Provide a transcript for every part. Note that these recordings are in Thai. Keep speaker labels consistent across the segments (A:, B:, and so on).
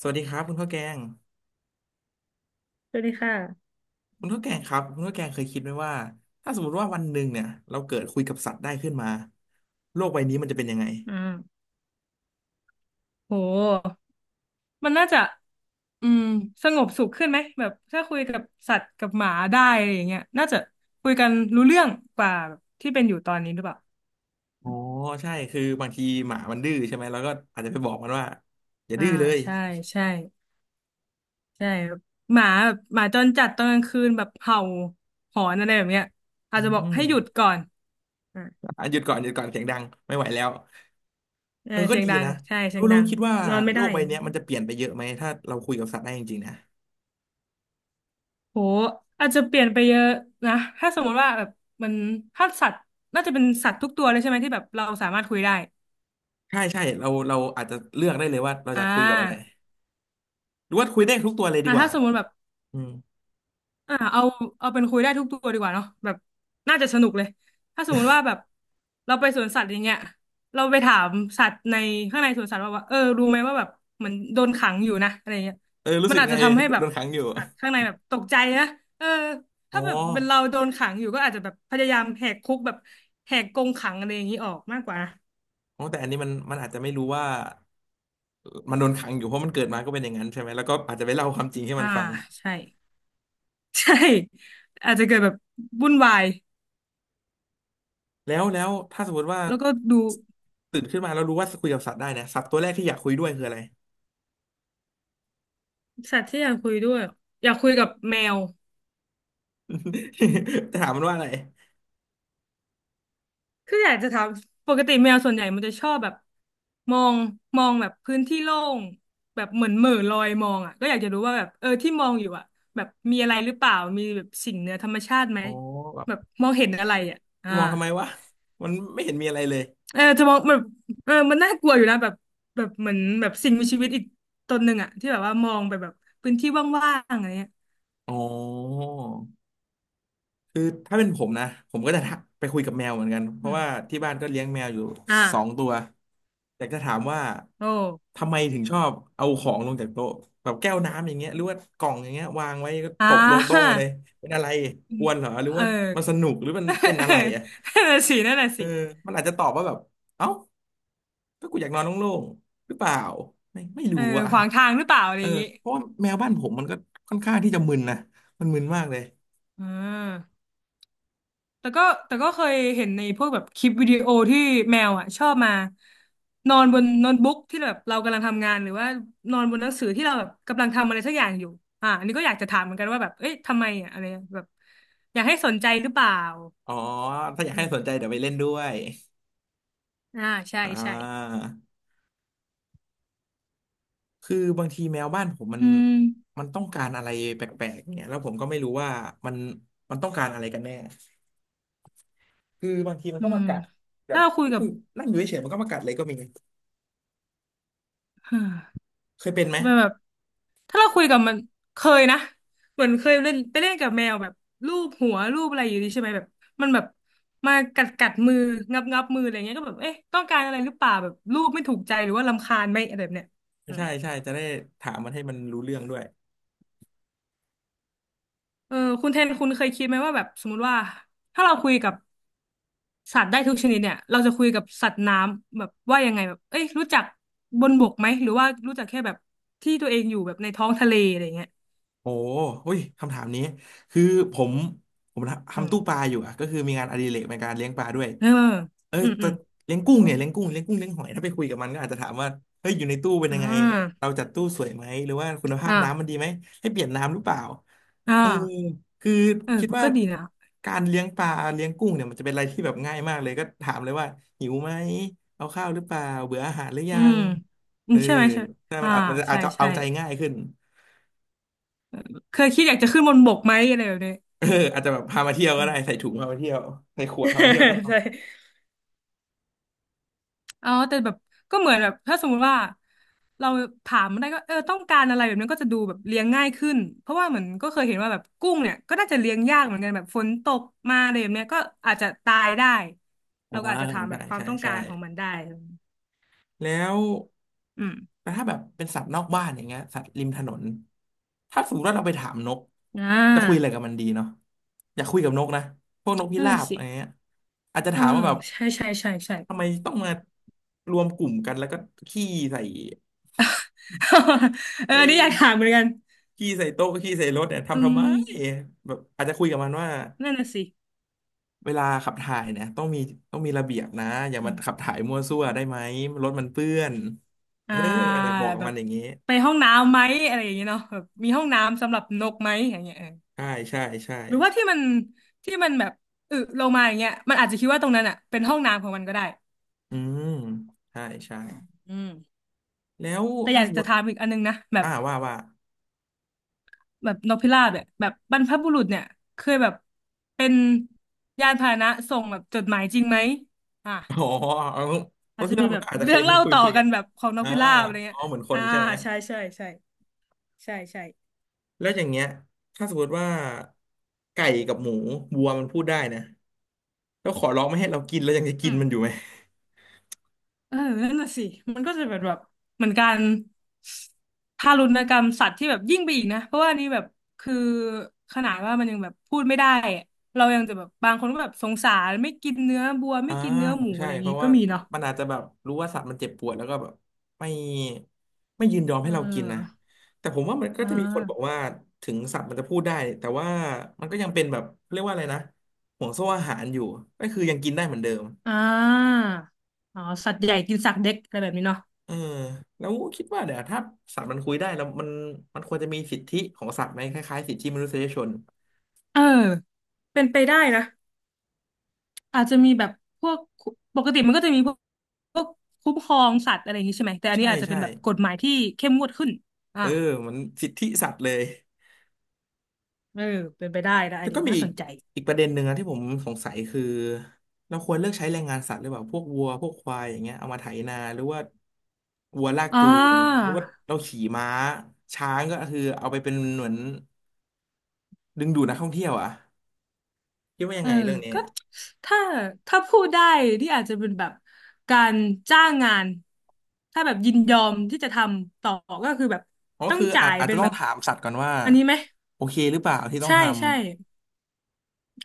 A: สวัสดีครับคุณข้าวแกง
B: สวัสดีค่ะ
A: คุณข้าวแกงครับคุณข้าวแกงเคยคิดไหมว่าถ้าสมมติว่าวันหนึ่งเนี่ยเราเกิดคุยกับสัตว์ได้ขึ้นมาโลกใบนี้มันจะเป็นยังไง
B: อืาโหมันน่าจะอืมสงบสุขขึ้นไหมแบบถ้าคุยกับสัตว์กับหมาได้อะไรอย่างเงี้ยน่าจะคุยกันรู้เรื่องกว่าแบบที่เป็นอยู่ตอนนี้หรือเปล่า
A: อ๋อใช่คือบางทีหมามันดื้อใช่ไหมเราก็อาจจะไปบอกมันว่าอย่า
B: อ่า
A: ดื้อเลย
B: ใช่ใช่ใช่แบบหมาจรจัดตอนกลางคืนแบบเห่าหอนอะไรแบบเนี้ยอา
A: อื
B: จจะบอก
A: ม
B: ให้หยุดก่อนอ่า
A: อ่ะหยุดก่อนหยุดก่อนเสียงดังไม่ไหวแล้ว
B: เอ
A: เอ
B: อ
A: อก็
B: เสียง
A: ดี
B: ดัง
A: นะ
B: ใช่
A: แล้
B: เสีย
A: ว
B: ง
A: เรา
B: ดัง
A: คิดว่า
B: นอนไม่
A: โล
B: ได้
A: กใบเนี้ยมันจะเปลี่ยนไปเยอะไหมถ้าเราคุยกับสัตว์ได้จริงๆนะ
B: โหอาจจะเปลี่ยนไปเยอะนะถ้าสมมติว่าแบบมันถ้าสัตว์น่าจะเป็นสัตว์ทุกตัวเลยใช่ไหมที่แบบเราสามารถคุยได้
A: ใช่ใช่เราอาจจะเลือกได้เลยว่าเรา
B: อ่
A: จะคุยกับอะไร
B: า
A: หรือว่าคุยได้ทุกตัวเลยดีกว่า
B: ถ้าสมมุติแบบ
A: อืม
B: อ่าเอาเอาเป็นคุยได้ทุกตัวดีกว่าเนาะแบบน่าจะสนุกเลยถ้าสมมุติว่าแบบเราไปสวนสัตว์อย่างเงี้ยเราไปถามสัตว์ในข้างในสวนสัตว์ว่าเออรู้ไหมว่าแบบเหมือนโดนขังอยู่นะอะไรเงี้ย
A: เออรู้
B: มัน
A: สึก
B: อาจ
A: ไง
B: จะทำให้แบ
A: โด
B: บ
A: นขังอยู่
B: สัตว์ข้างในแบบตกใจนะเออ
A: อ๋อ
B: ถ้าแบบเป็นเราโดนขังอยู่ก็อาจจะแบบพยายามแหกคุกแบบแหกกรงขังอะไรอย่างนี้ออกมากกว่านะ
A: อ๋อแต่อันนี้มันอาจจะไม่รู้ว่ามันโดนขังอยู่เพราะมันเกิดมาก็เป็นอย่างนั้นใช่ไหม แล้วก็อาจจะไปเล่าความจริงให้มั
B: อ่า
A: นฟัง
B: ใช่ ใช่อาจจะเกิดแบบวุ่นวาย
A: แล้วถ้าสมมติว่า
B: แล้วก็ดู
A: ตื่นขึ้นมาแล้วรู้ว่าคุยกับสัตว์ได้นะสัตว์ตัวแรกที่อยากคุยด้วยคืออะไร
B: สัตว์ที่อยากคุยด้วยอยากคุยกับแมว
A: จะถามมันว่าอะไร
B: คืออยากจะถามปกติแมวส่วนใหญ่มันจะชอบแบบมองมองแบบพื้นที่โล่งแบบเหมือนเหม่อลอยมองอ่ะก็อยากจะรู้ว่าแบบเออที่มองอยู่อ่ะแบบมีอะไรหรือเปล่ามีแบบสิ่งเหนือธรรมชาติไหม
A: อ๋อแบบ
B: แบบมองเห็นอะไรอ่ะ
A: จะ
B: อ่า
A: มองทำไมวะมันไม่เห็นมีอะไรเลย
B: เออจะมองแบบเออมันน่ากลัวอยู่นะแบบเหมือนแบบสิ่งมีชีวิตอีกตนหนึ่งอ่ะที่แบบว่ามองไปแบบพื้นที่ว่างๆอะไรเงี้ย
A: อ๋อ คือถ้าเป็นผมนะผมก็จะทักไปคุยกับแมวเหมือนกันเพ
B: อื
A: ราะ
B: ม
A: ว่าที่บ้านก็เลี้ยงแมวอยู่สอง
B: อ่า
A: ตัวแต่จะถามว่า
B: โอ้
A: ทำไมถึงชอบเอาของลงจากโต๊ะแบบแก้วน้ำอย่างเงี้ยหรือว่ากล่องอย่างเงี้ยวางไว้ก็
B: อ่า
A: ตบลงโต๊ะมาเลยเป็นอะไรกวนเหรอหรือ
B: เอ
A: ว่า
B: อ
A: มันสนุกหรือมันเป็นอะไรอ่ะ
B: นั่นน่ะสินั่นน่ะ
A: เออ
B: สิ
A: มันอาจจะตอบว่าแบบเอ้าก็กูอยากนอนโล่งๆหรือเปล่าไม่
B: เอ
A: รู้
B: อ
A: อ่ะ
B: ขวางทางหรือเปล่าอะไร
A: เอ
B: อ
A: อ
B: ย่างงี้
A: เพราะว่าแมวบ้านผมมันก็ค่อนข้างที่จะมึนนะมันมึนมากเลย
B: อ่าแต่ก็แต่ก็เคยเห็นในพวกแบบคลิปวิดีโอที่แมวอ่ะชอบมานอนบนโน้ตบุ๊กที่แบบเรากำลังทำงานหรือว่านอนบนหนังสือที่เราแบบกำลังทำอะไรสักอย่างอยู่อันนี้ก็อยากจะถามเหมือนกันว่าแบบเอ้ยทำไมอ่ะอะไรแบบอยากให้สนใจหรือเปล่า
A: อ๋อถ้าอยาก
B: อื
A: ให้สนใจ
B: ม
A: เดี๋ยวไปเล่นด้วย
B: อ่าใช่
A: อ่
B: ใช่
A: าคือบางทีแมวบ้านผมมัน
B: อืม
A: มันต้องการอะไรแปลกๆเนี่ยแล้วผมก็ไม่รู้ว่ามันมันต้องการอะไรกันแน่คือบางทีมัน
B: อื
A: ก็มา
B: ม
A: กัดแบ
B: ถ้า
A: บ
B: เราคุยกับ
A: นั่งนั่งอยู่เฉยๆมันก็มากัดเลยก็มี เคยเป็นไหม
B: จะเป็นแบบถ้าเราคุยกับมันเคยนะเหมือนเคยเล่นไปเล่นกับแมวแบบลูบหัวลูบอะไรอยู่ดีใช่ไหมแบบมันแบบมากัดมืองับงับมืออะไรเงี้ยก็แบบเอ๊ะต้องการอะไรหรือเปล่าแบบลูบไม่ถูกใจหรือว่ารำคาญไหมอะไรแบบเนี้ยอืม
A: ใช่ใช่จะได้ถามมันให้มันรู้เรื่องด้วย
B: เออคุณแทนคุณเคยคิดไหมว่าแบบสมมติว่าถ้าเราคุยกับสัตว์ได้ทุกชนิดเนี่ยเราจะคุยกับสัตว์น้ำแบบว่ายังไงแบบเอ้ยรู้จักบนบกไหมหรือว่ารู้จักแค่แบบที่ตัวเองอยู่แบบในท้องทะเลอะไรเงี้ย
A: โอ้อุ้ยคำถามนี้คือผมผม
B: อื
A: ทำ
B: ม
A: ตู้ปลาอยู่อะก็คือมีงานอดิเรกในการเลี้ยงปลาด้วย
B: เออ
A: เออ
B: อืมอื
A: แต่
B: ม
A: เลี้ยงกุ้งเนี่ยเลี้ยงกุ้งเลี้ยงหอยถ้าไปคุยกับมันก็อาจจะถามว่าเฮ้ยอยู่ในตู้เป็น
B: อ่
A: ยังไง
B: า
A: เราจัดตู้สวยไหมหรือว่าคุณภาพน้ำมัน
B: อ่า
A: ดีไหมให้เปลี่ยนน้ำหรือเปล่า
B: อ่า
A: เออคือ
B: เออ
A: คิดว่า
B: ก็ดีนะ
A: การเลี้ยงปลาเลี้ยงกุ้งเนี่ยมันจะเป็นอะไรที่แบบง่ายมากเลยก็ถามเลยว่าหิวไหมเอาข้าวหรือเปล่าเบื่ออาหารหรือ
B: อื
A: ยั
B: ม
A: ง
B: อื
A: เอ
B: ม
A: อ
B: ใช่ไหมใช่ไหม
A: ถ้ามั
B: อ่า
A: นเอามันจะอา
B: ใช่
A: จจะ
B: ใช่
A: เอาใจง่ายขึ้น
B: เคยคิดอยากจะขึ้นบนบกไหมอะไรแบบนี้
A: เอออาจจะแบบพามาเที่ยว
B: อื
A: ก็
B: ม
A: ได้ใส่ถุงพามาเที่ยวใส่ขวดพามาเที่ยวข้าง นอก
B: ใช่อ๋อแต่แบบก็เหมือนแบบถ้าสมมุติว่าเราถามมันได้ก็เออต้องการอะไรแบบนั้นก็จะดูแบบเลี้ยงง่ายขึ้นเพราะว่าเหมือนก็เคยเห็นว่าแบบกุ้งเนี่ยก็น่าจะเลี้ยงยากเหมือนกันแบบฝนตกมาอะไรแบบเนี้ยก็อาจจะตายได้เรา
A: อ่า
B: ก็อาจจะถามแบ
A: ใช่
B: บความ
A: ใช่
B: ต้องกา
A: ใช่
B: รของมันได้
A: แล้ว
B: อืม
A: แต่ถ้าแบบเป็นสัตว์นอกบ้านอย่างเงี้ยสัตว์ริมถนนถ้าสมมติว่าเราไปถามนก
B: อ่
A: จะคุยอะไร
B: า
A: กับมันดีเนาะอยากคุยกับนกนะพวกนกพิ
B: นั่น
A: รา
B: น่ะ
A: บอะ
B: สิ
A: ไรเงี้ยอาจจะ
B: เออ
A: ถามว่าแบบ
B: ใช่ใช่ใช่ใช่
A: ทำไมต้องมารวมกลุ่มกันแล้วก็ขี้ใส่
B: เออ
A: เออ
B: นี่อยากถามเหมือนกัน
A: ขี้ใส่โต๊ะขี้ใส่รถเนี่ย
B: อื
A: ทำทำไม
B: ม
A: แบบอาจจะคุยกับมันว่า
B: นั่นน่ะสิ
A: เวลาขับถ่ายเนี่ยต้องมีระเบียบนะอย่า
B: อื
A: มาขับ
B: ม
A: ถ่ายมั่วซั่วได้ไหมรถมันเปื้อนเอ
B: อ่า
A: อแต่บอกกับ
B: แบ
A: มั
B: บ
A: นอย่างนี้
B: ไปห้องน้ำไหมอะไรอย่างเงี้ยเนาะแบบมีห้องน้ำสำหรับนกไหมอย่างเงี้ยเออ
A: ใช่ใช่ใช่
B: หรือว่าที่มันแบบอึลงมาอย่างเงี้ยมันอาจจะคิดว่าตรงนั้นอ่ะเป็นห้องน้ำของมันก็ได้
A: อืมใช่ใช่
B: อืม
A: แล้ว
B: แต่อ
A: ถ้า
B: ยาก
A: สมม
B: จะ
A: ติ
B: ถามอีกอันนึงนะแบบ
A: อ่าว่า
B: แบบนกพิราบเนี่ยแบบบรรพบุรุษเนี่ยเคยแบบเป็นยานพาหนะส่งแบบจดหมายจริงไหมอ่ะ
A: อ๋อร
B: อา
A: ถ
B: จจะ
A: พี่
B: เป็
A: รา
B: น
A: บ
B: แบ
A: มัน
B: บ
A: ก็อาจจะ
B: เรื่
A: เค
B: อ
A: ย
B: ง
A: คุย
B: เล่า
A: คุย
B: ต่อ
A: คุยกั
B: กั
A: น
B: นแบบของนก
A: อ่า
B: พิราบอะไร
A: อ๋
B: เงี้
A: อ
B: ย
A: เหมือนค
B: อ่า
A: นใช่ไหม
B: ใช่ใช่ใช่ใช่ใช่
A: แล้วอย่างเงี้ยถ้าสมมติว่าไก่กับหมูวัวมันพูดได้นะแล้วขอร้องไม่ให้เรากินแล้วยังจะ
B: อื
A: กิน
B: ม
A: มันอยู่ไหม
B: เออนั่นน่ะสิมันก็จะแบบเหมือนการทารุณกรรมสัตว์ที่แบบยิ่งไปอีกนะเพราะว่าอันนี่แบบคือขนาดว่ามันยังแบบพูดไม่ได้อะเรายังจะแบบบางคนก็แบบสงสารไม่กินเนื้อบัวไม่
A: อ่า
B: กินเนื้อหมูอะ
A: ใช่
B: ไรอย่าง
A: เพ
B: งี้
A: ราะ
B: ก็
A: ว่า
B: มีเนาะ
A: มันอาจจะแบบรู้ว่าสัตว์มันเจ็บปวดแล้วก็แบบไม่ไม่ยินยอม
B: เ
A: ให้เรากินนะ
B: ออ
A: แต่ผมว่ามันก็
B: อ่
A: จะมีคนบอก
B: า
A: ว่าถึงสัตว์มันจะพูดได้แต่ว่ามันก็ยังเป็นแบบเรียกว่าอะไรนะห่วงโซ่อาหารอยู่ก็คือยังกินได้เหมือนเดิม
B: อ่าอ๋อสัตว์ใหญ่กินสัตว์เล็กอะไรแบบนี้เนาะ
A: เออแล้วคิดว่าเดี๋ยวถ้าสัตว์มันคุยได้แล้วมันมันควรจะมีสิทธิของสัตว์ไหมคล้ายๆสิทธิมนุษยชน
B: เออเป็นไปได้นะ อาจจะมีแบบพวกปกติมันก็จะมีพวกพวกคุ้มครองสัตว์อะไรอย่างนี้ใช่ไหมแต่อัน
A: ใช่
B: นี้อาจจะเป็
A: ใช่
B: นแบบกฎหมายที่เข้มงวดขึ้นอ่า
A: เออเหมันสิทธิสัตว์เลย
B: เออเป็นไปได้นะอั
A: แล้
B: น
A: ว
B: นี้
A: ก็มี
B: น่า
A: อี
B: ส
A: ก
B: นใจ
A: ประเด็นหนึ่งนะที่ผมสงสัยคือเราควรเลือกใช้แรงงานสัตว์หรือเปล่าพวกวัวพวกควายอย่างเงี้ยเอามาไถนาหรือว่าวัวลาก
B: อ่
A: จูงหรื
B: า
A: อว่าเราขี่ม้าช้างก็คือเอาไปเป็นเหมือนดึงดูดนักท่องเที่ยวอ่ะคิดว่ายั
B: เอ
A: ง
B: อ
A: ไงเรื่องนี้
B: ก็ถ้าถ้าพูดได้นี่อาจจะเป็นแบบการจ้างงานถ้าแบบยินยอมที่จะทำต่อก็คือแบบ
A: อ๋อ
B: ต้อง
A: คือ
B: จ่าย
A: อาจ
B: เป็
A: จะ
B: น
A: ต้อ
B: แบ
A: ง
B: บ
A: ถามสัตว์ก่อนว่า
B: อันนี้ไหม
A: โอเคหรือเปล่าที่ต้อง
B: ใช่
A: ทำ
B: ใช่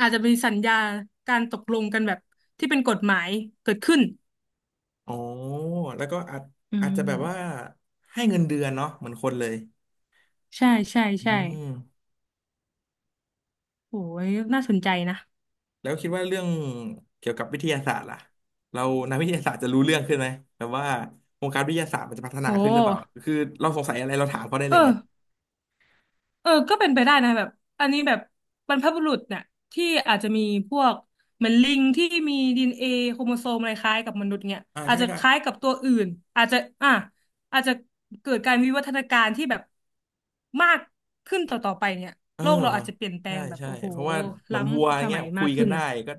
B: อาจจะมีสัญญาการตกลงกันแบบที่เป็นกฎหมายเกิดขึ้น
A: อ๋อแล้วก็
B: อื
A: อาจจะ
B: ม
A: แบบว่าให้เงินเดือนเนาะเหมือนคนเลย
B: ใช่ใช่
A: อื
B: ใช่
A: ม
B: โอ้ยน่าสนใจนะ
A: แล้วคิดว่าเรื่องเกี่ยวกับวิทยาศาสตร์ล่ะเรานักวิทยาศาสตร์จะรู้เรื่องขึ้นไหมแบบว่าวงการวิทยาศาสตร์มันจะพัฒนา
B: โอ้
A: ขึ้นหรือเปล่าคือเราสงสัยอะไรเราถามเขาได้เล
B: เอ
A: ยไง
B: อก็เป็นไปได้นะแบบอันนี้แบบบรรพบุรุษเนี่ยที่อาจจะมีพวกเหมือนลิงที่มีดีเอ็นเอโครโมโซมอะไรคล้ายกับมนุษย์เนี่ย
A: อ่า
B: อาจ
A: ใช่
B: จะ
A: ก็
B: คล้ายกับตัวอื่นอาจจะอ่ะอาจจะเกิดการวิวัฒนาการที่แบบมากขึ้นต่อไปเนี่ย
A: เออ
B: โลกเราอาจจะเปลี่ยนแปล
A: ใช่
B: งแบบ
A: ใช่
B: โอ้โห
A: เพราะว่าเหมื
B: ล้
A: อนวัวอ
B: ำส
A: ย่างเงี้
B: มั
A: ย
B: ย
A: คุ
B: มาก
A: ยกั
B: ขึ้
A: น
B: น
A: ได้
B: นะ
A: ก็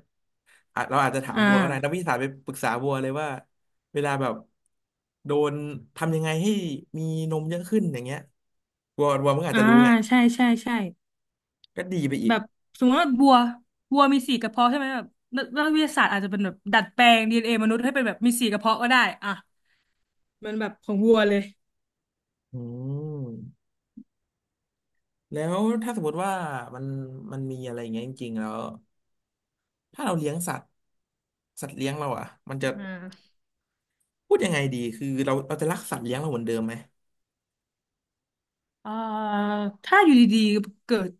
A: อาจเราอาจจะถาม
B: อ่
A: วัวก็ได้นักวิท
B: า
A: ยาศาสตร์ไปปรึกษาวัวเลยว่าเวลาแบบโดนทำยังไงให้มีนมเยอะขึ้นอย่างเงี้ยวัววัวมันก็อาจ
B: อ่า
A: จะรู้ไง
B: ใช่ใช่ใช่
A: ก็ดีไปอี
B: แบ
A: ก
B: บสมมติว่าบัวบัวมีสี่กระเพาะใช่ไหมแบบนักวิทยาศาสตร์อาจจะเป็นแบบดัดแปลงดีเอ็นเอมนุษย์ให้เป็นแบบมีสี่กระเพาะก็ได้อ่ะมันแบบของวัวเลย
A: อืม แล้วถ้าสมมติว่ามันมันมีอะไรอย่างเงี้ยจริงๆแล้วถ้าเราเลี้ยงสัตว์สัตว์เลี้ยงเราอ่ะมันจะ
B: อ่า
A: พูดยังไงดีคือเราจะรักสัตว์เลี้ยงเราเหมือนเดิมไหม
B: เอ่อถ้าอยู่ดีๆเกิด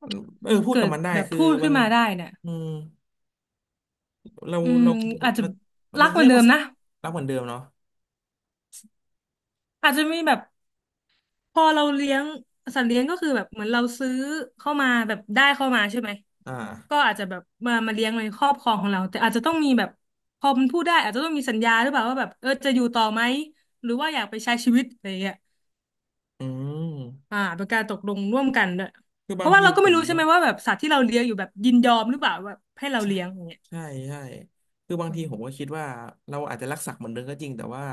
A: มันเออพูดกับมันได้
B: แบบ
A: คือ
B: พูด
A: มั
B: ขึ้
A: น
B: นมาได้เนี่ย
A: อืมเราเรา
B: อืม
A: เรา
B: อาจจะ
A: มัน
B: รั
A: จะ
B: กเหมือ
A: เรีย
B: น
A: ก
B: เดิ
A: ว่า
B: มนะ
A: รักเหมือนเดิมเนาะ
B: อาจจะมีแบบ พอเราเลี้ยงสัตว์เลี้ยงก็คือแบบเหมือนเราซื้อเข้ามาแบบได้เข้ามาใช่ไหม
A: อ่
B: ก็
A: า
B: อาจจะแบบมาเลี้ยงในครอบครองของเราแต่อาจจะต้องมีแบบพอมันพูดได้อาจจะต้องมีสัญญาหรือเปล่าว่าแบบเออจะอยู่ต่อไหมหรือว่าอยากไปใช้ชีวิตอะไรอย่างเงี้ย
A: อืม
B: เป็นการตกลงร่วมกันด้วย
A: คือ
B: เพ
A: บาง
B: ราะว่า
A: ที
B: เราก็
A: ผ
B: ไม่
A: ม
B: รู้ใช่ไหมว่าแบบสัตว์ที่เราเลี้ยงอยู่แบบยินยอมหรือเปล่าแบบให้เรา
A: ใช่
B: เลี้ยงอย่างเงี้ย
A: ใช่ใช่คือบางทีผมก็คิดว่าเราอาจจะรักสัตว์เหมือนเดิมก็จริงแต่ว่า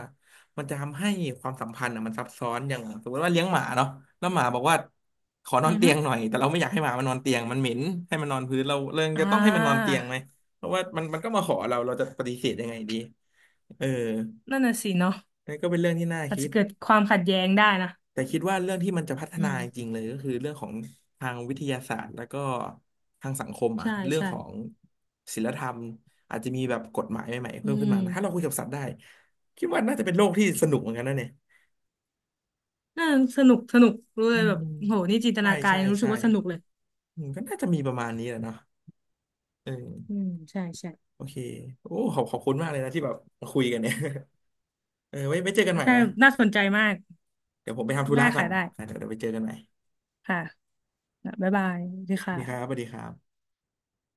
A: มันจะทำให้ความสัมพันธ์อ่ะมันซับซ้อนอย่างสมมติว่าเลี้ยงหมาเนาะแล้วหมาบอกว่าขอนอน
B: อือ
A: เตี
B: ฮึ
A: ยงหน่อยแต่เราไม่อยากให้หมามันนอนเตียงมันเหม็นให้มันนอนพื้นเราเลย
B: อ่
A: จะต้องให้มันนอนเตี
B: า
A: ยงไหมเพราะว่ามันก็มาขอเราเราจะปฏิเสธยังไงดีเออ
B: นั่นน่ะสิเนาะ
A: นั่นก็เป็นเรื่องที่น่า
B: อาจ
A: คิ
B: จะ
A: ด
B: เกิดความขัดแย้งได้นะ
A: แต่คิดว่าเรื่องที่มันจะพัฒ
B: อื
A: นา
B: ม
A: จริงๆเลยก็คือเรื่องของทางวิทยาศาสตร์แล้วก็ทางสังคมอ่ะ
B: ใช่
A: เรื่อง
B: ใช่
A: ของศีลธรรมอาจจะมีแบบกฎหมายใหม่ๆ
B: อื
A: เพิ่มขึ้นมา
B: ม
A: นะถ้าเราคุยกับสัตว์ได้คิดว่าน่าจะเป็นโลกที่สนุกเหมือนกันนะเนี่ย
B: น่าสนุกสนุกรู้
A: อื
B: เลยแบบ
A: ม
B: โหนี่จินต
A: ใช่
B: นาการ
A: ใช่
B: ยังรู้สึก
A: ใช่
B: ว่าสนุกเลย
A: อืมก็น่าจะมีประมาณนี้แหละเนาะเอ
B: อื
A: อ
B: มใช่ใช่
A: โอเคโอ้ขอบคุณมากเลยนะที่แบบมาคุยกันเนี่ยเออไว้เจอกันใหม่
B: ใช่
A: นะ
B: น่าสนใจมาก
A: เดี๋ยวผมไปทำธุ
B: ได้
A: ระก่อ
B: ค่ะ
A: น
B: ได้
A: อ่ะเดี๋ยวไปเจอกันใหม่
B: ค่ะบ๊ายบายดี
A: สวัส
B: ค่ะ
A: ดีครับสวัสดีครับ